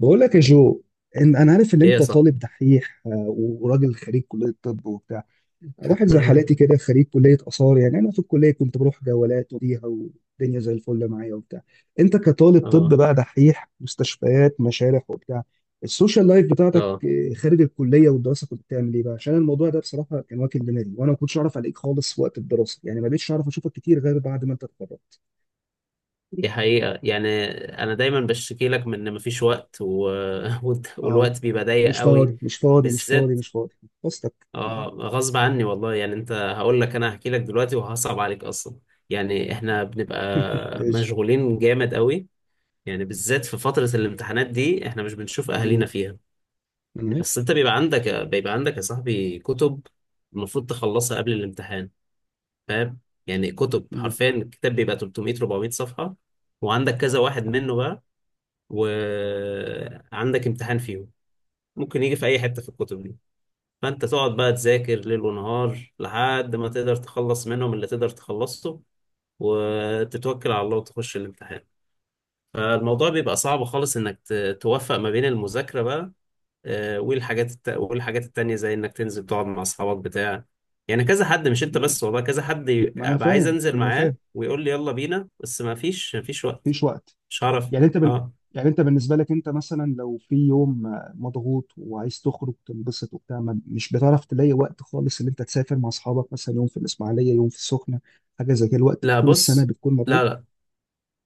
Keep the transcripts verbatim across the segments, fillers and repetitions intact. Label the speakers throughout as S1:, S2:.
S1: بقول لك يا جو، إن انا عارف ان
S2: ايه
S1: انت
S2: صح.
S1: طالب دحيح، آه، وراجل خريج كليه طب وبتاع. واحد زي حالاتي كده، خريج كليه اثار، يعني انا في الكليه كنت بروح جولات وديها والدنيا زي الفل معايا وبتاع. انت كطالب طب
S2: اه،
S1: بقى دحيح، مستشفيات، مشارح وبتاع. السوشيال لايف بتاعتك
S2: اه،
S1: آه، خارج الكليه والدراسه، كنت بتعمل ايه بقى؟ عشان الموضوع ده بصراحه كان واكل دماغي، وانا ما كنتش اعرف عليك خالص وقت الدراسه، يعني ما بقتش اعرف اشوفك كتير غير بعد ما انت اتخرجت.
S2: دي حقيقة يعني. انا دايما بشتكي لك من ان مفيش وقت و. والت-
S1: اه،
S2: والوقت بيبقى ضيق
S1: مش
S2: قوي،
S1: فاضي مش فاضي مش فاضي
S2: بالذات.
S1: مش فاضي. قصتك
S2: اه
S1: اه.
S2: غصب عني والله. يعني انت هقول لك، انا هحكي لك دلوقتي وهصعب عليك اصلا. يعني احنا بنبقى
S1: ماشي.
S2: مشغولين جامد قوي. يعني بالذات في فترة الامتحانات دي احنا مش بنشوف اهالينا
S1: مم.
S2: فيها.
S1: انا عارف.
S2: بس انت بيبقى عندك بيبقى عندك يا صاحبي كتب المفروض تخلصها قبل الامتحان، فاهم؟ يعني كتب
S1: مم.
S2: حرفيا، الكتاب بيبقى تلت ميه اربع ميه صفحة، وعندك كذا واحد منه بقى، وعندك امتحان فيهم ممكن يجي في اي حتة في الكتب دي. فانت تقعد بقى تذاكر ليل ونهار لحد ما تقدر تخلص منهم اللي تقدر تخلصه، وتتوكل على الله وتخش الامتحان. فالموضوع بيبقى صعب خالص انك ت- توفق ما بين المذاكرة بقى آه، والحاجات الت... والحاجات التانية زي انك تنزل تقعد مع اصحابك بتاع. يعني كذا حد مش انت
S1: ما
S2: بس والله، كذا حد
S1: ما
S2: يبقى
S1: انا
S2: ابقى عايز
S1: فاهم،
S2: انزل
S1: ما انا
S2: معاه
S1: فاهم،
S2: ويقول لي يلا بينا، بس ما فيش ما فيش وقت.
S1: مفيش وقت.
S2: مش هعرف.
S1: يعني انت بن...
S2: اه،
S1: يعني انت بالنسبه لك، انت مثلا لو في يوم آه، مضغوط وعايز تخرج تنبسط وبتاع، ما... مش بتعرف تلاقي وقت خالص ان انت تسافر مع اصحابك، مثلا يوم في الاسماعيليه يوم في السخنه، حاجه زي كده؟ الوقت
S2: لا
S1: طول السنه
S2: بص،
S1: بتكون مضغوط.
S2: لا لا،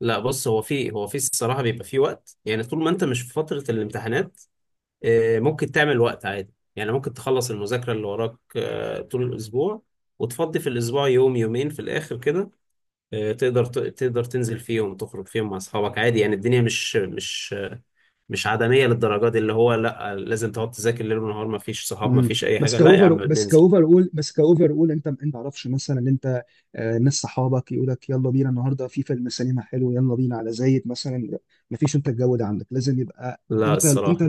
S2: لا بص. هو في هو في الصراحة بيبقى في وقت. يعني طول ما انت مش في فترة الامتحانات آه، ممكن تعمل وقت عادي. يعني ممكن تخلص المذاكرة اللي وراك آه، طول الاسبوع، وتفضي في الاسبوع يوم يومين في الاخر كده. آه، تقدر ت- تقدر تنزل فيهم تخرج فيهم مع اصحابك عادي. يعني الدنيا مش مش مش عدمية للدرجة دي اللي هو لا لازم تقعد تذاكر ليل ونهار ما فيش صحاب ما
S1: مم.
S2: فيش اي
S1: بس
S2: حاجة. لا يا
S1: كاوفر
S2: عم
S1: بس
S2: بننزل.
S1: كاوفر اول بس كاوفر اول انت انت ما تعرفش مثلا ان انت آه، ناس صحابك يقول لك يلا بينا النهارده في فيلم سينما حلو، يلا بينا على زايد مثلا، ما فيش. انت الجو ده عندك لازم يبقى،
S2: لا
S1: انت انت
S2: الصراحة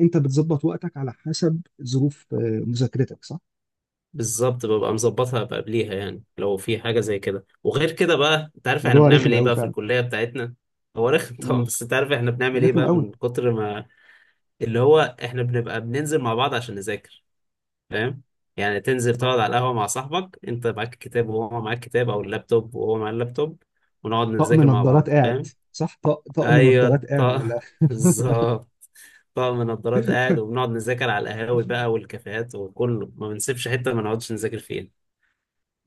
S1: انت بتظبط وقتك على حسب ظروف آه، مذاكرتك، صح؟
S2: بالظبط، ببقى مظبطها بقى قبليها. يعني لو في حاجة زي كده. وغير كده بقى انت
S1: بس
S2: عارف احنا
S1: موضوع
S2: بنعمل
S1: رخم
S2: ايه
S1: قوي
S2: بقى في
S1: فعلا.
S2: الكلية بتاعتنا. هو رخم طبعا.
S1: امم
S2: بس انت عارف احنا بنعمل ايه
S1: رخم
S2: بقى
S1: قوي.
S2: من كتر ما اللي هو احنا بنبقى بننزل مع بعض عشان نذاكر، فاهم؟ يعني تنزل
S1: اه،
S2: تقعد على القهوة مع صاحبك، انت معاك الكتاب وهو معاك الكتاب، او اللابتوب وهو معاه اللابتوب، ونقعد
S1: طقم
S2: نذاكر مع
S1: نظارات
S2: بعض،
S1: قاعد.
S2: فاهم؟
S1: صح، طق- طقم نظارات
S2: ايوه
S1: قاعد على
S2: طق
S1: الاخر.
S2: بالظبط. طقم نظارات قاعد، وبنقعد نذاكر على القهاوي بقى والكافيهات، وكله ما بنسيبش حتة ما نقعدش نذاكر فيها.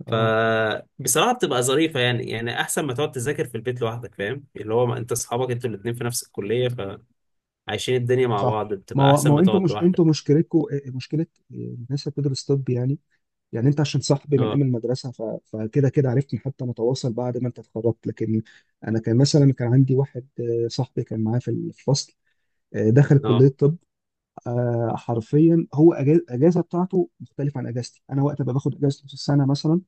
S1: اه
S2: فبصراحة بتبقى ظريفة يعني. يعني أحسن ما تقعد تذاكر في البيت لوحدك، فاهم؟ اللي هو ما أنت أصحابك أنتوا الاتنين في نفس الكلية، فعايشين الدنيا مع
S1: صح.
S2: بعض،
S1: ما
S2: بتبقى
S1: هو
S2: أحسن
S1: ما هو
S2: ما
S1: انتوا
S2: تقعد
S1: مش
S2: لوحدك.
S1: انتوا مشكلتكم مشكله، آه، الناس اللي بتدرس طب يعني. يعني انت عشان صاحبي من ايام
S2: أه،
S1: المدرسه، ف... فكده كده عرفتني، حتى متواصل بعد ما انت اتخرجت. لكن انا كان مثلا كان عندي واحد آه، صاحبي كان معايا في الفصل، آه، دخل كليه
S2: أه،
S1: طب. آه، حرفيا هو أجا- اجازه بتاعته مختلفه عن اجازتي انا، وقت ما باخد اجازه نص السنه مثلا،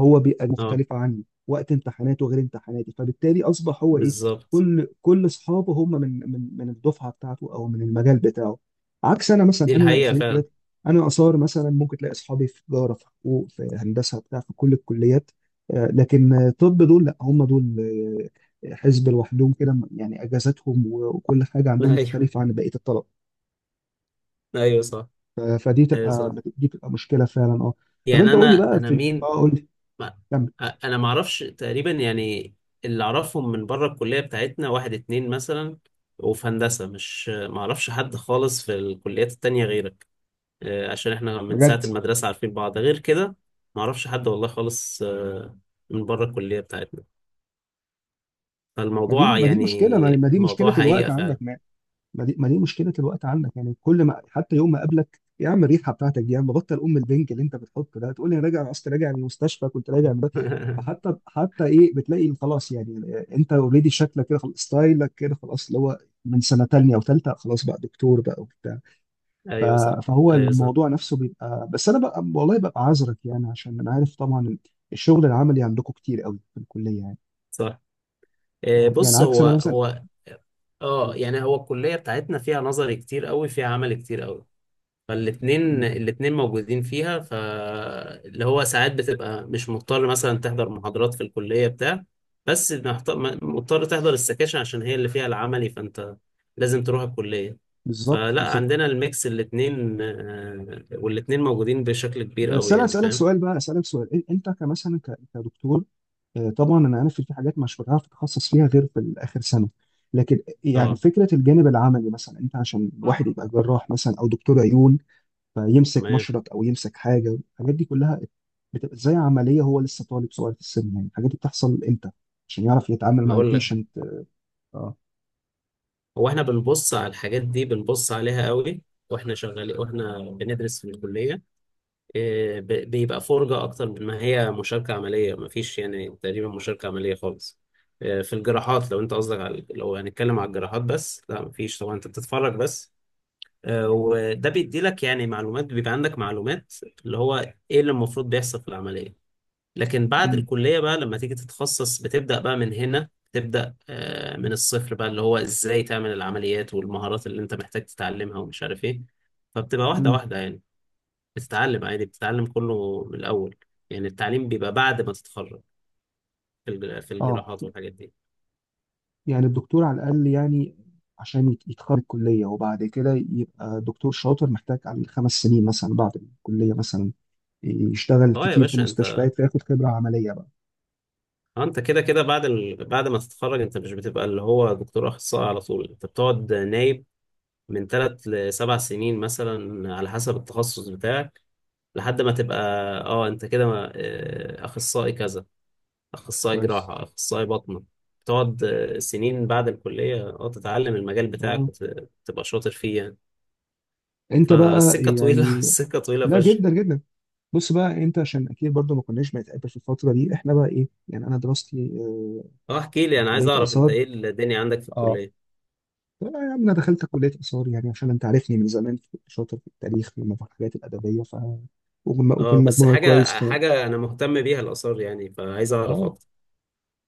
S1: هو بيبقى
S2: أه،
S1: مختلف عني، وقت امتحاناته غير امتحاناتي، فبالتالي اصبح هو ايه؟
S2: بالظبط.
S1: كل كل اصحابه هم من من من الدفعه بتاعته، او من المجال بتاعه، عكس انا مثلا.
S2: دي
S1: انا
S2: الحقيقة
S1: خريج
S2: فعلا.
S1: كليات، انا اثار مثلا، ممكن تلاقي اصحابي في تجاره، في حقوق، في هندسه بتاع، في كل الكليات، آه، لكن آه، طب دول لا، هم دول آه، حزب لوحدهم كده، يعني اجازاتهم و- وكل حاجه عندهم مختلفه عن بقيه الطلبه.
S2: ايوه صح،
S1: ف- فدي
S2: ايوه
S1: تبقى
S2: صح.
S1: دي تبقى مشكله فعلا اه. طب انت
S2: يعني
S1: قول لي
S2: انا
S1: بقى،
S2: انا
S1: في اه،
S2: مين؟
S1: قول لي،
S2: ما
S1: كمل.
S2: انا ما اعرفش تقريبا يعني. اللي اعرفهم من بره الكليه بتاعتنا واحد اتنين مثلا، وفي هندسه، مش، ما اعرفش حد خالص في الكليات التانية غيرك. آه، عشان احنا من ساعه
S1: بجد
S2: المدرسه عارفين بعض. غير كده ما اعرفش حد والله خالص آه، من بره الكليه بتاعتنا.
S1: ما دي
S2: فالموضوع
S1: ما دي
S2: يعني
S1: مشكله، ما ما دي
S2: الموضوع
S1: مشكله الوقت
S2: حقيقه
S1: عندك.
S2: فعلا.
S1: ما ما دي, ما دي مشكله الوقت عندك، يعني كل ما حتى يوم ما اقابلك يا عم، الريحه بتاعتك دي يا عم، بطل ام البنج اللي انت بتحطه ده، تقول لي انا راجع، انا اصلا راجع من المستشفى، كنت راجع من ده. فحتى حتى ايه؟ بتلاقي خلاص يعني انت اوريدي شكلك كده خلاص، ستايلك كده خلاص، اللي هو من سنه تانية او ثالثه خلاص بقى دكتور بقى وبتاع. ف-
S2: ايوه صح،
S1: فهو
S2: ايوه صح،
S1: الموضوع نفسه بيبقى، بس انا بقى والله ببقى عذرك، يعني عشان انا عارف طبعا الشغل العملي عندكم كتير قوي في الكليه يعني
S2: صح. آه،
S1: آه، يعني
S2: بص
S1: عكس
S2: هو
S1: انا
S2: هو، اه
S1: مثلا.
S2: يعني هو الكلية بتاعتنا فيها نظري كتير قوي، فيها عمل كتير قوي. فالاتنين الاتنين موجودين فيها، فاللي هو ساعات بتبقى مش مضطر مثلا تحضر محاضرات في الكلية بتاع. بس محت- مضطر تحضر السكاشن عشان هي اللي فيها العملي، فانت لازم تروح الكلية.
S1: بالظبط
S2: فلا
S1: بالظبط.
S2: عندنا الميكس، الاتنين آه، والاتنين موجودين بشكل كبير
S1: بس
S2: قوي،
S1: انا
S2: يعني
S1: اسالك
S2: فاهم.
S1: سؤال بقى، اسالك سؤال إن- انت كمثلا ك- كدكتور، آه، طبعا انا عارف إن في حاجات مش بتعرف تتخصص فيها غير في اخر سنه، لكن يعني
S2: اه
S1: فكره الجانب العملي مثلا، انت عشان واحد يبقى جراح مثلا او دكتور عيون، فيمسك
S2: تمام.
S1: مشرط او يمسك حاجه، الحاجات دي كلها بتبقى زي عمليه، هو لسه طالب صغير في السن، يعني الحاجات دي بتحصل امتى عشان يعرف يتعامل مع
S2: هقول لك،
S1: البيشنت؟ اه.
S2: هو احنا بنبص على الحاجات دي، بنبص عليها قوي واحنا شغالين واحنا بندرس في الكلية. آه، ب- بيبقى فرجة أكتر من ما هي مشاركة عملية. مفيش يعني تقريبا مشاركة عملية خالص. آه، في الجراحات، لو أنت قصدك، على لو هنتكلم على الجراحات بس، لا مفيش طبعا، أنت بتتفرج بس. آه، وده بيدي لك يعني معلومات، بيبقى عندك معلومات اللي هو إيه اللي المفروض بيحصل في العملية. لكن بعد
S1: امم
S2: الكلية بقى لما تيجي تتخصص، بتبدأ بقى من هنا، تبدأ آه، من الصفر بقى اللي هو إزاي تعمل العمليات والمهارات اللي أنت محتاج تتعلمها ومش عارف إيه. فبتبقى واحدة
S1: امم
S2: واحدة يعني. بتتعلم عادي، بتتعلم كله من الأول. يعني التعليم بيبقى بعد ما تتخرج، في الج- في
S1: اه،
S2: الجراحات والحاجات دي.
S1: يعني الدكتور على الأقل يعني، عشان يت- يتخرج الكلية وبعد كده يبقى دكتور شاطر، محتاج عليه خمس سنين مثلا بعد الكلية، مثلا يشتغل
S2: اه يا
S1: كتير في
S2: باشا انت.
S1: مستشفيات، فياخد خبرة عملية بقى.
S2: اه، انت كده كده بعد ال... بعد ما تتخرج انت مش بتبقى اللي هو دكتور اخصائي على طول، انت بتقعد نايب من ثلاث لسبع سنين مثلا على حسب التخصص بتاعك، لحد ما تبقى اه انت كده ما- اه، اخصائي كذا. اخصائي
S1: كويس
S2: جراحة، اخصائي باطنة. بتقعد اه، سنين بعد الكلية اه تتعلم المجال بتاعك
S1: اه.
S2: وتبقى شاطر فيه يعني.
S1: انت بقى
S2: فالسكة طويلة
S1: يعني،
S2: السكة طويلة
S1: لا،
S2: فشخ.
S1: جدا جدا. بص بقى، انت عشان اكيد برضو ما كناش بنتقابل في الفترة دي، احنا بقى ايه، يعني انا دراستي آه،
S2: اه احكي لي،
S1: في
S2: انا عايز
S1: كلية
S2: اعرف انت
S1: آثار.
S2: ايه الدنيا عندك في
S1: اه.
S2: الكلية.
S1: طب يا عم، انا دخلت كلية آثار يعني عشان انت عارفني من زمان كنت شاطر في التاريخ والحاجات الأدبية، ف وكنت
S2: اه، بس
S1: مجموعي كويس
S2: حاجة
S1: كمان.
S2: حاجة انا مهتم بيها، الآثار، يعني فعايز اعرف
S1: اه
S2: اكتر.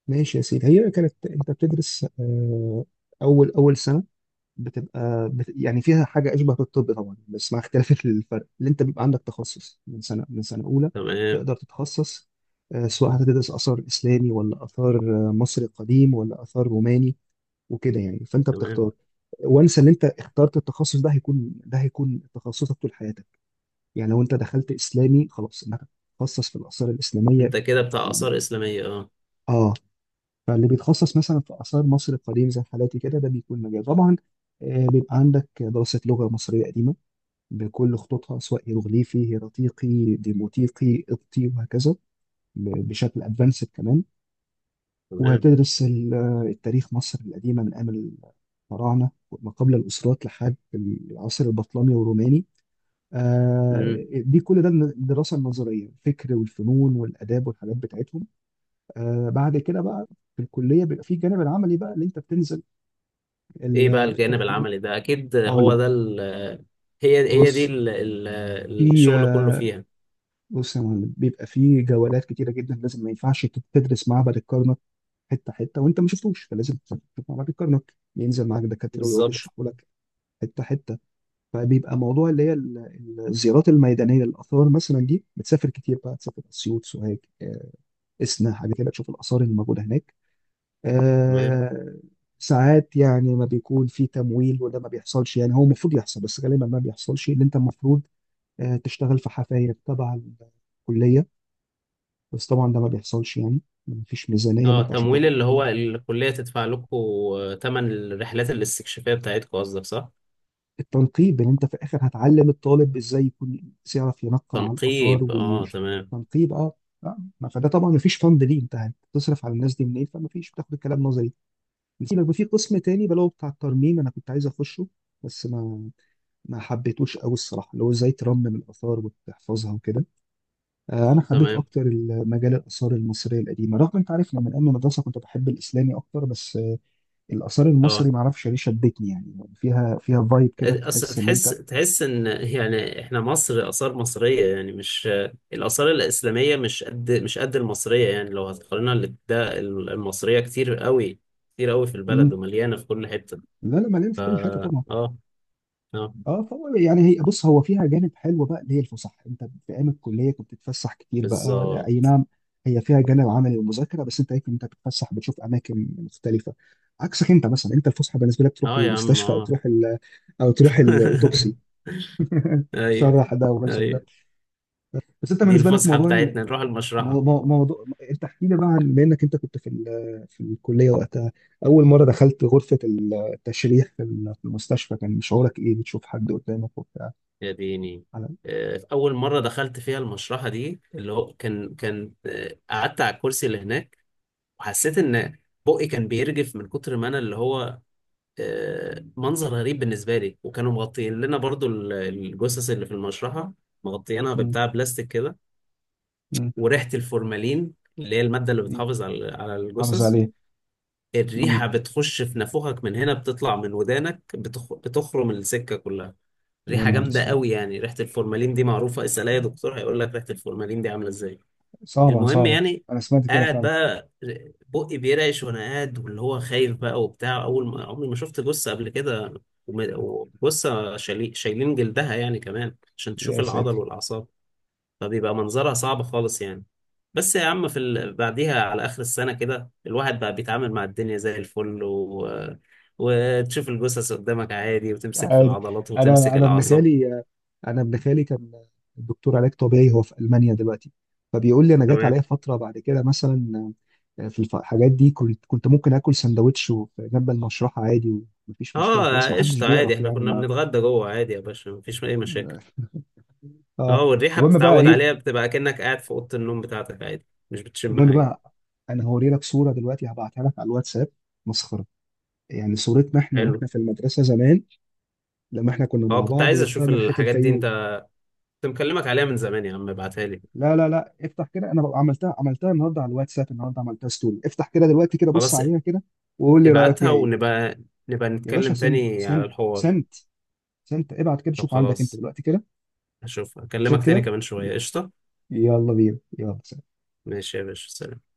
S1: ماشي يا سيدي، هي كانت انت بتدرس آه، اول اول سنه، بتبقى بت يعني فيها حاجه اشبه بالطب طبعا، بس مع اختلاف الفرق، اللي انت بيبقى عندك تخصص من سنه من سنه اولى،
S2: تمام.
S1: تقدر تتخصص آه، سواء هتدرس اثار اسلامي ولا اثار آه، مصري قديم ولا اثار روماني وكده، يعني فانت
S2: تمام.
S1: بتختار، وانسى، اللي انت اخترت التخصص ده هيكون ده هيكون تخصصك طول حياتك، يعني لو انت دخلت اسلامي خلاص انك هتتخصص في الاثار الاسلاميه.
S2: انت كده بتاع آثار إسلامية، اه.
S1: اه، فاللي بيتخصص مثلا في آثار مصر القديمة زي حالاتي كده، ده بيكون مجال طبعا، آه، بيبقى عندك دراسة لغة مصرية قديمة بكل خطوطها، سواء هيروغليفي، هيراتيقي، ديموتيقي، قبطي، وهكذا، ب- بشكل ادفانسد كمان.
S2: تمام.
S1: وهتدرس ال- آه، التاريخ مصر القديمة من أيام الفراعنة، ما قبل الأسرات لحد العصر البطلمي والروماني،
S2: مم.
S1: آه، دي كل ده الدراسة النظرية، الفكر والفنون والآداب والحاجات بتاعتهم، آه، بعد كده بقى، في الكليه بيبقى في الجانب العملي بقى، اللي انت بتنزل
S2: ايه بقى
S1: ال- بتروح.
S2: الجانب العملي ده؟ اكيد
S1: اقول
S2: هو
S1: لك،
S2: ده ال، هي هي دي
S1: بص،
S2: ال ال
S1: في
S2: الشغل كله
S1: آه،
S2: فيها.
S1: بص يا معلم، بيبقى في جولات كتيره جدا، لازم، ما ينفعش تت- تدرس معبد الكرنك حته حته وانت ما شفتوش، فلازم تشوف معبد الكرنك، بينزل معاك دكاتره ويقعد
S2: بالظبط.
S1: يشرحوا لك حته حته. فبيبقى موضوع اللي هي ال- ال- الزيارات الميدانيه للاثار مثلا، دي بتسافر كتير بقى، تسافر اسيوط، سوهاج، آه، اسنا، حاجه كده، تشوف الاثار اللي موجوده هناك.
S2: تمام.
S1: آه، ساعات يعني ما بيكون في تمويل، وده ما بيحصلش يعني، هو المفروض يحصل، بس غالبا ما بيحصلش، اللي انت المفروض آه، تشتغل في حفاير تبع الكلية، بس طبعا ده ما بيحصلش يعني، ما فيش ميزانية ان
S2: اه،
S1: انت عشان
S2: تمويل
S1: تاخد
S2: اللي هو
S1: طالب
S2: الكلية تدفع لكم تمن الرحلات الاستكشافية بتاعتكم، قصدك صح؟
S1: التنقيب، ان انت في الاخر هتعلم الطالب ازاي يكون يعرف ينقم على الاثار
S2: تنقيب، اه تمام.
S1: وتنقيب اه. آه، ما فده طبعا، ما فيش فند، ليه؟ انت هتصرف على الناس دي منين؟ فما فيش، بتاخد الكلام نظري. نسيبك في قسم تاني، بلو بتاع الترميم انا كنت عايز اخشه، بس ما ما حبيتوش قوي الصراحه، اللي هو ازاي ترمم الاثار وتحفظها وكده. آه، انا حبيت
S2: تمام.
S1: اكتر مجال الاثار المصريه القديمه، رغم انت عارف لما ايام المدرسه كنت بحب الاسلامي اكتر، بس آه، الاثار
S2: اه،
S1: المصري ما اعرفش ليه شدتني، يعني فيها فيها فايب كده،
S2: اصل
S1: تحس ان
S2: تحس،
S1: انت.
S2: تحس ان يعني احنا مصر اثار مصريه، يعني مش الاثار الاسلاميه. مش قد مش قد المصريه. يعني لو هتقارنها ال- ده ال- المصريه كتير قوي، كتير قوي في البلد
S1: امم،
S2: ومليانه في كل حته.
S1: لا لا، مليان
S2: ف
S1: في كل حته
S2: اه،
S1: طبعا.
S2: اه،
S1: اه، فهو يعني هي، بص، هو فيها جانب حلو بقى اللي هي الفسح، انت في ايام الكليه كنت بتتفسح كتير بقى. اي
S2: بالظبط.
S1: نعم، هي فيها جانب عملي ومذاكره، بس انت هيك انت بتتفسح، بتشوف اماكن مختلفه، عكسك انت مثلا. انت الفسحه بالنسبه لك تروح
S2: اه يا عم،
S1: المستشفى، او
S2: اه.
S1: تروح ال- او تروح الاوتوبسي.
S2: ايوه،
S1: شرح ده وبس.
S2: ايوه.
S1: بس انت
S2: دي
S1: بالنسبه لك
S2: الفسحه
S1: موضوع ال-
S2: بتاعتنا نروح
S1: مو-
S2: المشرحه.
S1: مو- موضوع، انت احكي لي بقى عن، بما انك انت كنت في ال- في الكليه وقتها، اول مره دخلت غرفه التشريح في ال- في المستشفى، كان شعورك ايه بتشوف حد قدامك وبتاع؟
S2: يا ديني.
S1: على.
S2: آه، اول مره دخلت فيها المشرحه دي اللي هو كان كان آه، قعدت على الكرسي اللي هناك، وحسيت ان بقي كان بيرجف من كتر ما انا. اللي هو آه، منظر غريب بالنسبه لي. وكانوا مغطيين لنا برضو ال- الجثث اللي في المشرحه، مغطيينها
S1: مم،
S2: ببتاع بلاستيك كده،
S1: مم،
S2: وريحه الفورمالين اللي هي الماده اللي
S1: مم.
S2: بتحافظ على على
S1: حافظ
S2: الجثث.
S1: عليه. مم.
S2: الريحه بتخش في نافوخك من هنا، بتطلع من ودانك، بتخ... بتخرم السكه كلها.
S1: يا
S2: ريحه
S1: نهار
S2: جامده
S1: اسود.
S2: قوي يعني. ريحه الفورمالين دي معروفه، اسال اي دكتور هيقول لك ريحه الفورمالين دي عامله ازاي.
S1: صعبه
S2: المهم
S1: صعبه.
S2: يعني.
S1: انا سمعت كده
S2: قاعد
S1: فعلا.
S2: بقى بقي بيرعش وانا قاعد، واللي هو خايف بقى وبتاع. اول ما عمري ما شفت جثه قبل كده، وم- وجثه شايلين شايلين جلدها يعني كمان عشان تشوف
S1: يا
S2: العضل
S1: ساتر.
S2: والاعصاب. فبيبقى منظرها صعب خالص يعني. بس يا عم، في ال... بعديها على اخر السنه كده الواحد بقى بيتعامل مع الدنيا زي الفل و. وتشوف الجثث قدامك عادي وتمسك في
S1: عادي.
S2: العضلات
S1: انا
S2: وتمسك
S1: انا ابن
S2: الاعصاب.
S1: خالي، انا ابن خالي كان دكتور علاج طبيعي، هو في المانيا دلوقتي، فبيقول لي انا جات
S2: تمام.
S1: عليا فتره بعد كده مثلا، آه، في الف- الحاجات دي كنت كنت ممكن اكل سندوتش و- جنب المشرحه عادي، ومفيش مشكله
S2: اه،
S1: خلاص، ما حدش
S2: قشطه عادي،
S1: بيقرف
S2: احنا
S1: يعني
S2: كنا
S1: ما.
S2: بنتغدى جوه عادي يا باشا، مفيش اي مشاكل.
S1: اه آه.
S2: اه، والريحة
S1: المهم بقى
S2: بتتعود
S1: ايه،
S2: عليها، بتبقى كأنك قاعد في أوضة النوم بتاعتك عادي، مش بتشم
S1: المهم
S2: حاجة.
S1: بقى، انا هوري لك صوره دلوقتي، هبعتها لك على الواتساب، مسخره، يعني صورتنا احنا
S2: حلو.
S1: واحنا في المدرسه زمان، لما احنا كنا مع
S2: اه، كنت
S1: بعض
S2: عايز أشوف
S1: وطلعنا رحله
S2: الحاجات دي.
S1: الفيوم.
S2: أنت كنت مكلمك عليها من زمان يا عم، ابعتها لي.
S1: لا لا لا، افتح كده، انا ببقى عملتها، عملتها النهارده على الواتساب، النهارده عملتها ستوري، افتح كده دلوقتي كده، بص
S2: خلاص،
S1: عليها كده، وقول لي رايك
S2: ابعتها،
S1: فيها ايه.
S2: ونبقى نبقى
S1: يا باشا،
S2: نتكلم
S1: سند
S2: تاني على
S1: سند
S2: الحوار.
S1: سند، سند ابعت كده،
S2: طب
S1: شوف عندك انت
S2: خلاص،
S1: دلوقتي كده،
S2: هشوف
S1: تشيك
S2: أكلمك تاني
S1: كده.
S2: كمان شوية، قشطة.
S1: يلا بينا يلا.
S2: ماشي يا باشا، سلام.